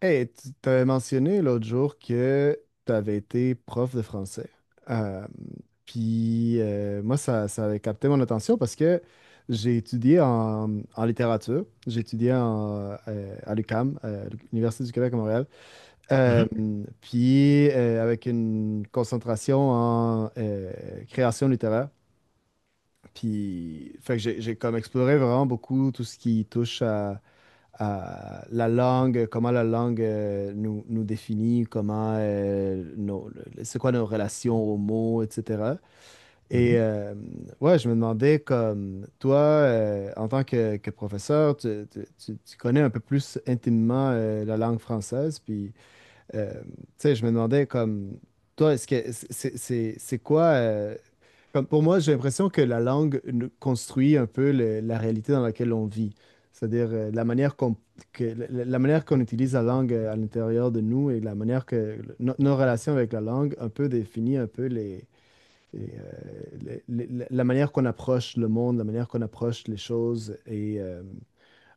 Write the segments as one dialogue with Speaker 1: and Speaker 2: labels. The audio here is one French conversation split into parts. Speaker 1: Hey, tu t'avais mentionné l'autre jour que tu avais été prof de français. Euh, puis moi, ça avait capté mon attention parce que j'ai étudié en littérature, j'ai étudié en, à l'UQAM, l'Université du Québec à Montréal. Euh,
Speaker 2: Mhm.
Speaker 1: puis Avec une concentration en création littéraire. Puis, fait que j'ai comme exploré vraiment beaucoup tout ce qui touche à la langue, comment la langue nous définit, comment c'est quoi nos relations aux mots, etc. Et
Speaker 2: Mhm.
Speaker 1: euh, ouais, je me demandais comme toi, en tant que professeur, tu connais un peu plus intimement la langue française, puis tu sais, je me demandais comme toi, est-ce que c'est quoi comme pour moi, j'ai l'impression que la langue nous construit un peu la réalité dans laquelle on vit. C'est-à-dire la manière qu'on manière qu'on utilise la langue à l'intérieur de nous, et la manière que nos relations avec la langue un peu définit un peu la manière qu'on approche le monde, la manière qu'on approche les choses, et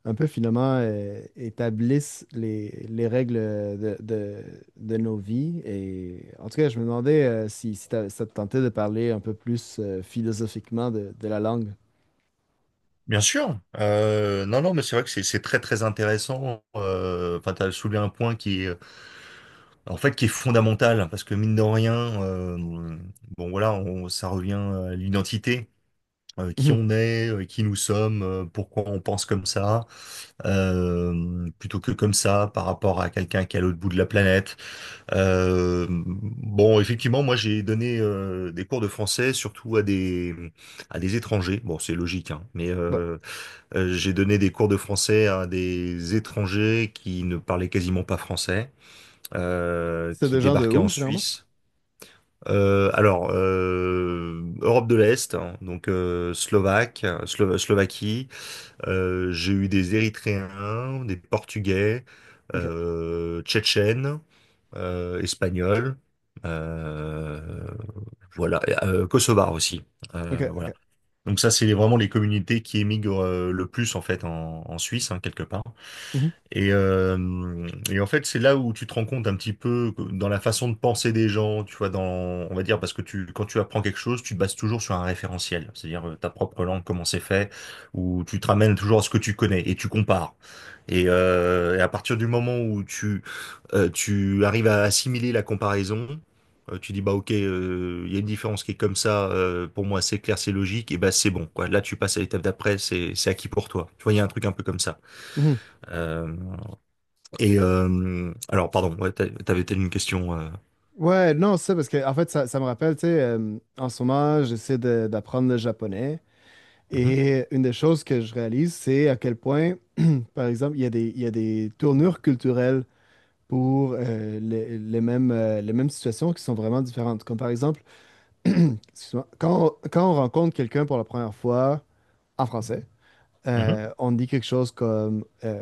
Speaker 1: un peu finalement établissent les règles de nos vies. Et en tout cas, je me demandais si ça te tentait de parler un peu plus philosophiquement de la langue.
Speaker 2: Bien sûr. Non, non, mais c'est vrai que c'est très très intéressant. Enfin, t'as soulevé un point qui est en fait qui est fondamental parce que mine de rien, euh, bon voilà, ça revient à l'identité, qui
Speaker 1: Mhm.
Speaker 2: on est, qui nous sommes, pourquoi on pense comme ça, plutôt que comme ça par rapport à quelqu'un qui est à l'autre bout de la planète. Bon, effectivement, moi j'ai donné des cours de français surtout à des étrangers. Bon, c'est logique, hein, mais
Speaker 1: Ouais.
Speaker 2: j'ai donné des cours de français à des étrangers qui ne parlaient quasiment pas français,
Speaker 1: C'est
Speaker 2: qui
Speaker 1: des gens de
Speaker 2: débarquaient
Speaker 1: où,
Speaker 2: en
Speaker 1: généralement?
Speaker 2: Suisse. Alors, Europe de l'Est, hein, donc Slovaque, Slovaquie. J'ai eu des Érythréens, des Portugais,
Speaker 1: OK.
Speaker 2: Tchétchènes, Espagnols. euh, voilà, et Kosovar aussi.
Speaker 1: OK.
Speaker 2: Voilà.
Speaker 1: OK.
Speaker 2: Donc ça, c'est vraiment les communautés qui émigrent le plus en fait en Suisse, hein, quelque part.
Speaker 1: Mhm.
Speaker 2: Et en fait, c'est là où tu te rends compte un petit peu dans la façon de penser des gens, tu vois, on va dire, parce que quand tu apprends quelque chose, tu te bases toujours sur un référentiel, c'est-à-dire ta propre langue, comment c'est fait, ou tu te ramènes toujours à ce que tu connais et tu compares. Et à partir du moment où tu arrives à assimiler la comparaison, tu dis, bah ok, il y a une différence qui est comme ça, pour moi c'est clair, c'est logique, et bah c'est bon, quoi. Là, tu passes à l'étape d'après, c'est acquis pour toi. Tu vois, il y a un truc un peu comme ça.
Speaker 1: Mhm.
Speaker 2: Euh, alors, pardon, ouais, t'avais peut-être une question.
Speaker 1: Ouais, non, c'est ça, parce que en fait, ça me rappelle, tu sais, en ce moment, d'apprendre le japonais.
Speaker 2: Mhm,
Speaker 1: Et une des choses que je réalise, c'est à quel point, par exemple, il y a il y a des tournures culturelles pour les mêmes situations qui sont vraiment différentes. Comme par exemple, excuse-moi, quand quand on rencontre quelqu'un pour la première fois en français,
Speaker 2: mhm,
Speaker 1: on dit quelque chose comme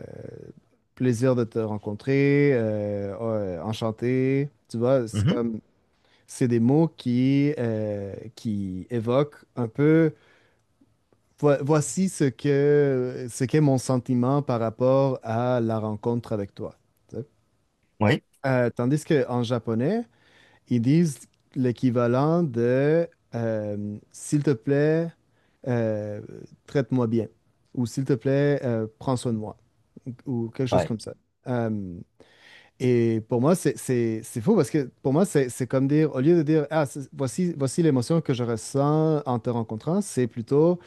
Speaker 1: plaisir de te rencontrer, enchanté. Tu vois, c'est
Speaker 2: mhm,
Speaker 1: comme c'est des mots qui évoquent un peu voici ce qu'est mon sentiment par rapport à la rencontre avec toi, tu sais.
Speaker 2: ouais,
Speaker 1: Tandis qu'en japonais, ils disent l'équivalent de s'il te plaît, euh, traite-moi bien, ou s'il te plaît, prends soin de moi, ou quelque chose
Speaker 2: ouais.
Speaker 1: comme ça. Euh, et pour moi, c'est fou parce que pour moi, c'est comme dire, au lieu de dire, ah, voici, voici l'émotion que je ressens en te rencontrant, c'est plutôt.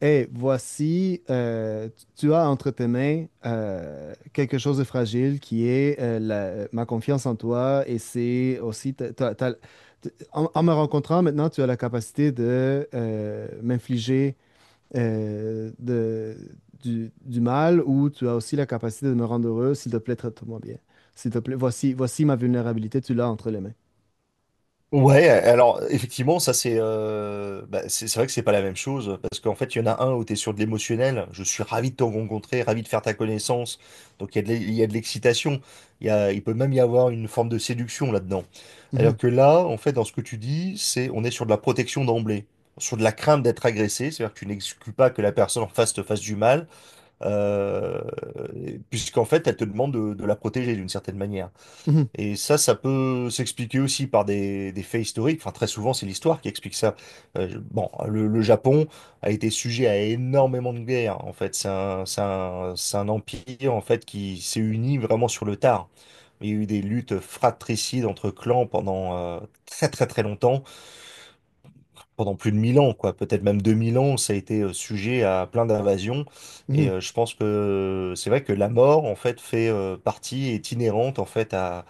Speaker 1: Et voici, tu as entre tes mains quelque chose de fragile qui est ma confiance en toi, et c'est aussi, en me rencontrant maintenant, tu as la capacité de m'infliger euh, de- du mal, ou tu as aussi la capacité de me rendre heureux. S'il te plaît, traite-moi bien. S'il te plaît, voici, voici ma vulnérabilité, tu l'as entre les mains.
Speaker 2: Ouais, alors effectivement, ça c'est bah, c'est vrai que c'est pas la même chose parce qu'en fait, il y en a un où tu es sur de l'émotionnel. Je suis ravi de te rencontrer, ravi de faire ta connaissance. Donc il y a de l'excitation. Il peut même y avoir une forme de séduction là-dedans. Alors
Speaker 1: Mhm,
Speaker 2: que là, en fait, dans ce que tu dis, c'est on est sur de la protection d'emblée, sur de la crainte d'être agressé. C'est-à-dire que tu n'exclus pas que la personne en face te fasse du mal. euh, Puisqu'en fait, elle te demande de, la protéger d'une certaine manière.
Speaker 1: mhm,
Speaker 2: Et ça peut s'expliquer aussi par des faits historiques. Enfin, très souvent, c'est l'histoire qui explique ça. Bon, le Japon a été sujet à énormément de guerres. En fait, c'est un empire en fait qui s'est uni vraiment sur le tard. Il y a eu des luttes fratricides entre clans pendant très très très longtemps pendant plus de 1000 ans, quoi, peut-être même 2000 ans, ça a été sujet à plein d'invasions.
Speaker 1: mhm.
Speaker 2: Et je pense que c'est vrai que la mort, en fait, fait partie, est inhérente, en fait, à,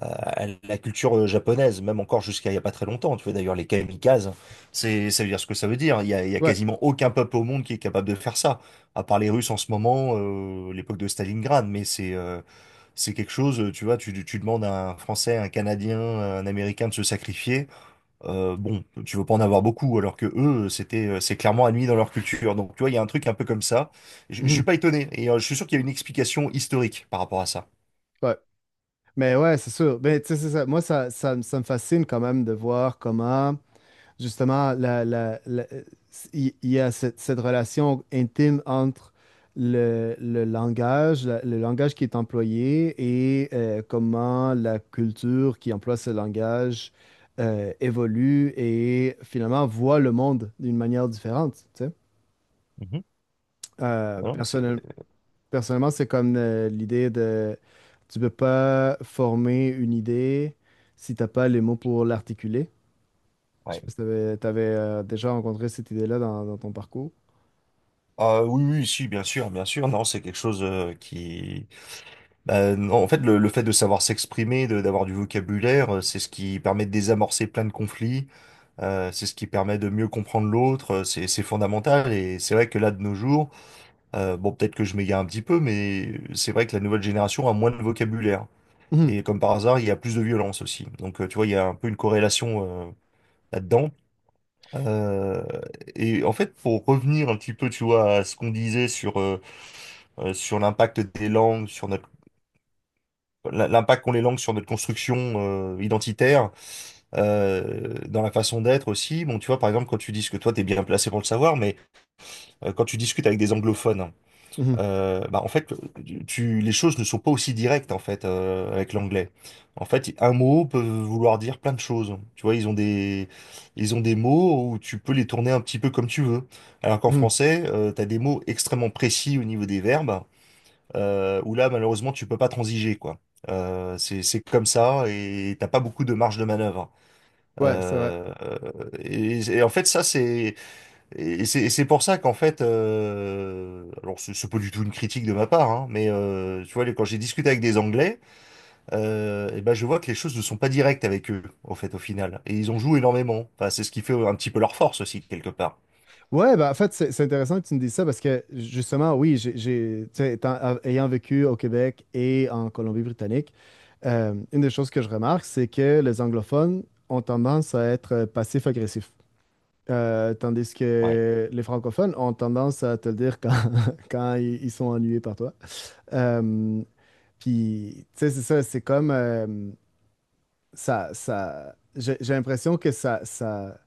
Speaker 2: à- à la culture japonaise, même encore jusqu'à il n'y a pas très longtemps. Tu vois, d'ailleurs, les kamikazes, ça veut dire ce que ça veut dire. Il y a
Speaker 1: Ouais,
Speaker 2: quasiment aucun peuple au monde qui est capable de faire ça, à part les Russes en ce moment, l'époque de Stalingrad, mais c'est quelque chose, tu vois, tu demandes à un Français, un Canadien, un Américain de se sacrifier. Bon, tu veux pas en avoir beaucoup, alors que eux, c'est clairement admis dans leur culture. Donc, tu vois, il y a un truc un peu comme ça. Je suis
Speaker 1: mhm,
Speaker 2: pas étonné, et je suis sûr qu'il y a une explication historique par rapport à ça.
Speaker 1: ouais. Mais ouais, c'est sûr. Mais tu sais, c'est ça. Moi, ça me fascine quand même de voir comment, justement, il y a cette, cette relation intime entre le langage, le langage qui est employé, et comment la culture qui emploie ce langage évolue et finalement voit le monde d'une manière différente, tu sais.
Speaker 2: Mhm.
Speaker 1: Euh,
Speaker 2: Ah non, mais c'est,
Speaker 1: personnel- Personnellement, c'est comme l'idée de: tu peux pas former une idée si t'as pas les mots pour l'articuler. Je sais
Speaker 2: ouais.
Speaker 1: pas si déjà rencontré cette idée-là dans ton parcours.
Speaker 2: Ah oui, oui, si, bien sûr, bien sûr. Non, c'est quelque chose qui. Bah, non, en fait, le fait de savoir s'exprimer, d'avoir du vocabulaire, c'est ce qui permet de désamorcer plein de conflits. C'est ce qui permet de mieux comprendre l'autre. C'est fondamental. Et c'est vrai que là, de nos jours. Bon, peut-être que je m'égare un petit peu, mais c'est vrai que la nouvelle génération a moins de vocabulaire.
Speaker 1: Mhm,
Speaker 2: Et comme par hasard, il y a plus de violence aussi. Donc, tu vois, il y a un peu une corrélation là-dedans. Euh, et en fait, pour revenir un petit peu, tu vois, à ce qu'on disait sur l'impact des langues, l'impact qu'ont les langues sur notre construction identitaire, dans la façon d'être aussi. Bon, tu vois, par exemple, quand tu dis que toi, t'es bien placé pour le savoir, mais quand tu discutes avec des anglophones,
Speaker 1: mhm,
Speaker 2: Bah en fait, les choses ne sont pas aussi directes en fait avec l'anglais. En fait, un mot peut vouloir dire plein de choses. Tu vois, ils ont des mots où tu peux les tourner un petit peu comme tu veux. Alors qu'en
Speaker 1: mhm.
Speaker 2: français, tu as des mots extrêmement précis au niveau des verbes, où là, malheureusement, tu peux pas transiger, quoi. C'est comme ça et t'as pas beaucoup de marge de manœuvre.
Speaker 1: Ouais, c'est vrai.
Speaker 2: Euh, et en fait, ça, c'est et c'est et c'est pour ça qu'en fait, alors c'est pas du tout une critique de ma part, hein, mais tu vois, quand j'ai discuté avec des Anglais, et ben je vois que les choses ne sont pas directes avec eux, au fait, au final. Et ils en jouent énormément. Enfin, c'est ce qui fait un petit peu leur force aussi, quelque part.
Speaker 1: Ouais, bah en fait, c'est intéressant que tu me dises ça parce que justement, oui, tu sais, ayant vécu au Québec et en Colombie-Britannique, une des choses que je remarque, c'est que les anglophones ont tendance à être passifs-agressifs. Tandis
Speaker 2: Ouais,
Speaker 1: que les francophones ont tendance à te le dire quand, quand ils sont ennuyés par toi. Euh, Tu sais, c'est ça, c'est comme j'ai l'impression que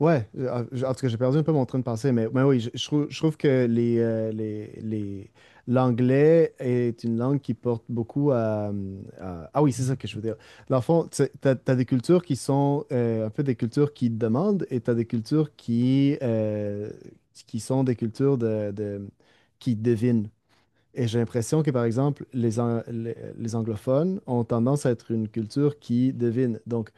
Speaker 1: Ouais, euh, en en tout cas, j'ai perdu un peu mon train de pensée, mais oui, je trouve que l'anglais est une langue qui porte beaucoup Ah oui, c'est ça que je veux dire. Dans le fond, tu as des cultures qui sont un peu des cultures qui demandent, et tu as des cultures qui sont des cultures qui devinent. Et j'ai l'impression que, par exemple, les anglophones ont tendance à être une culture qui devine. Donc,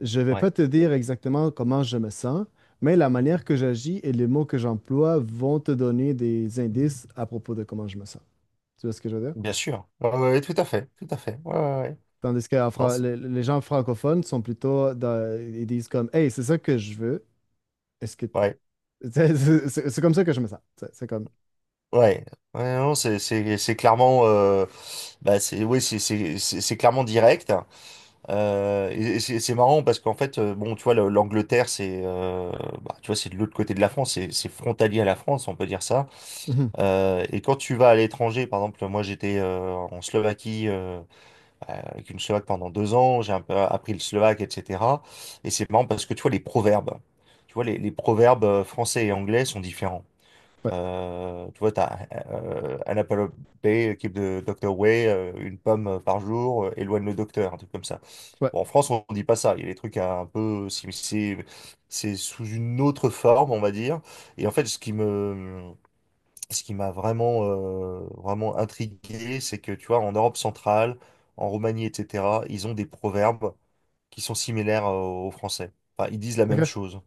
Speaker 1: je ne vais
Speaker 2: ouais,
Speaker 1: pas te dire exactement comment je me sens, mais la manière que j'agis et les mots que j'emploie vont te donner des indices à propos de comment je me sens. Tu vois ce que je veux dire?
Speaker 2: bien sûr. Ouais, ouais, tout à fait, tout à fait. Ouais, ouais, ouais.
Speaker 1: Tandis que
Speaker 2: Non,
Speaker 1: les gens francophones sont plutôt, ils disent comme, Hey, c'est ça que je veux. Est-ce que
Speaker 2: ouais,
Speaker 1: c'est c'est comme ça que je me sens. C'est comme,
Speaker 2: ouais. Ouais, non, c'est clairement, bah oui, c'est clairement direct. Et c'est marrant parce qu'en fait, bon, tu vois, l'Angleterre, bah, tu vois, c'est de l'autre côté de la France, c'est frontalier à la France, on peut dire ça.
Speaker 1: Mhm,
Speaker 2: Et quand tu vas à l'étranger, par exemple, moi j'étais en Slovaquie avec une Slovaque pendant 2 ans, j'ai un peu appris le slovaque, etc. Et c'est marrant parce que tu vois, les proverbes, tu vois, les proverbes français et anglais sont différents.
Speaker 1: ouais,
Speaker 2: Tu vois, tu as un Apple Day, équipe de Dr. Way, une pomme par jour, éloigne le docteur, un truc comme ça.
Speaker 1: ouais,
Speaker 2: Bon, en France, on dit pas ça. Il y a des trucs un peu. C'est sous une autre forme, on va dire. Et en fait, ce qui m'a vraiment intrigué, c'est que, tu vois, en Europe centrale, en Roumanie, etc., ils ont des proverbes qui sont similaires, aux Français. Enfin, ils disent la même
Speaker 1: ok,
Speaker 2: chose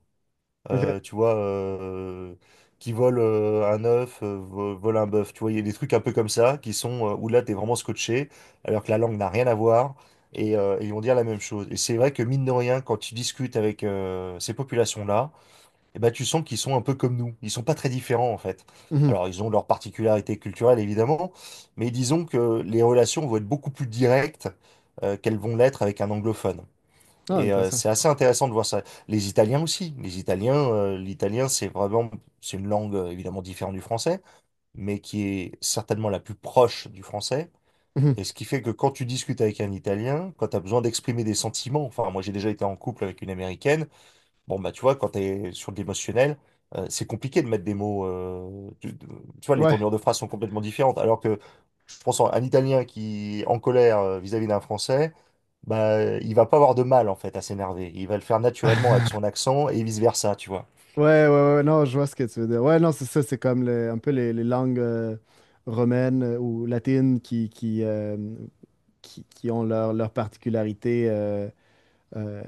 Speaker 1: ok,
Speaker 2: tu vois, qui vole un œuf, vole un bœuf. Tu vois, il y a des trucs un peu comme ça qui sont où là, t'es vraiment scotché, alors que la langue n'a rien à voir. Et ils vont dire la même chose. Et c'est vrai que mine de rien, quand tu discutes avec ces populations-là, eh ben, tu sens qu'ils sont un peu comme nous. Ils sont pas très différents en fait.
Speaker 1: mhm.
Speaker 2: Alors ils ont leurs particularités culturelles évidemment, mais disons que les relations vont être beaucoup plus directes qu'elles vont l'être avec un anglophone.
Speaker 1: Ah,
Speaker 2: Et
Speaker 1: intéressant.
Speaker 2: c'est assez intéressant de voir ça. Les Italiens aussi. Les Italiens, l'italien, c'est vraiment, c'est une langue évidemment différente du français, mais qui est certainement la plus proche du français.
Speaker 1: Mhm.
Speaker 2: Et ce qui fait que quand tu discutes avec un Italien, quand tu as besoin d'exprimer des sentiments, enfin, moi j'ai déjà été en couple avec une Américaine, bon, bah tu vois, quand tu es sur de l'émotionnel, c'est compliqué de mettre des mots. Tu vois, les
Speaker 1: Ouais.
Speaker 2: tournures de phrases sont complètement différentes. Alors que je pense à un Italien qui est en colère vis-à-vis d'un Français, bah, il va pas avoir de mal en fait à s'énerver. Il va le faire naturellement avec son accent et vice-versa, tu vois.
Speaker 1: Ouais, ouais, ouais, non, je vois ce que tu veux dire. Ouais, non, c'est ça, c'est comme un peu les langues romaines ou latines qui ont leur particularité euh,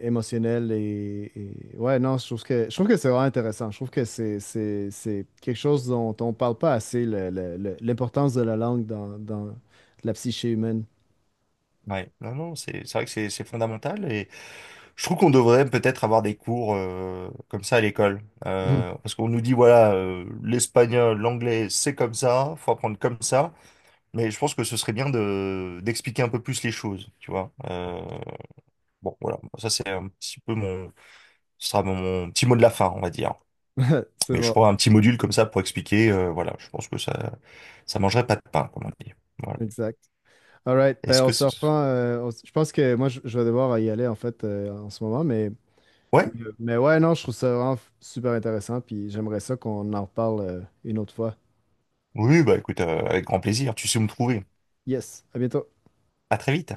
Speaker 1: émotionnelle. Et- ouais, non, je trouve que c'est vraiment intéressant. Je trouve que c'est quelque chose dont on parle pas assez, l'importance de la langue dans la psyché humaine.
Speaker 2: Ouais, non, non, c'est vrai que c'est fondamental et je trouve qu'on devrait peut-être avoir des cours comme ça à l'école.
Speaker 1: Mhm.
Speaker 2: Parce qu'on nous dit, voilà, l'espagnol, l'anglais, c'est comme ça, faut apprendre comme ça. Mais je pense que ce serait bien de d'expliquer un peu plus les choses, tu vois. Bon, voilà, ça c'est un petit peu ce sera mon petit mot de la fin, on va dire.
Speaker 1: C'est
Speaker 2: Mais je
Speaker 1: bon,
Speaker 2: crois un petit module comme ça pour expliquer, voilà, je pense que ça mangerait pas de pain, comme on dit. Voilà.
Speaker 1: exact. All right,
Speaker 2: Est-ce
Speaker 1: ben on
Speaker 2: que
Speaker 1: se
Speaker 2: c'est...
Speaker 1: reprend. Je pense que moi, je vais devoir y aller en fait en ce moment, mais.
Speaker 2: Ouais?
Speaker 1: Mais ouais, non, je trouve ça vraiment super intéressant, puis j'aimerais ça qu'on en reparle une autre fois.
Speaker 2: Oui, bah écoute, avec grand plaisir. Tu sais où me trouver.
Speaker 1: Yes, à bientôt.
Speaker 2: À très vite.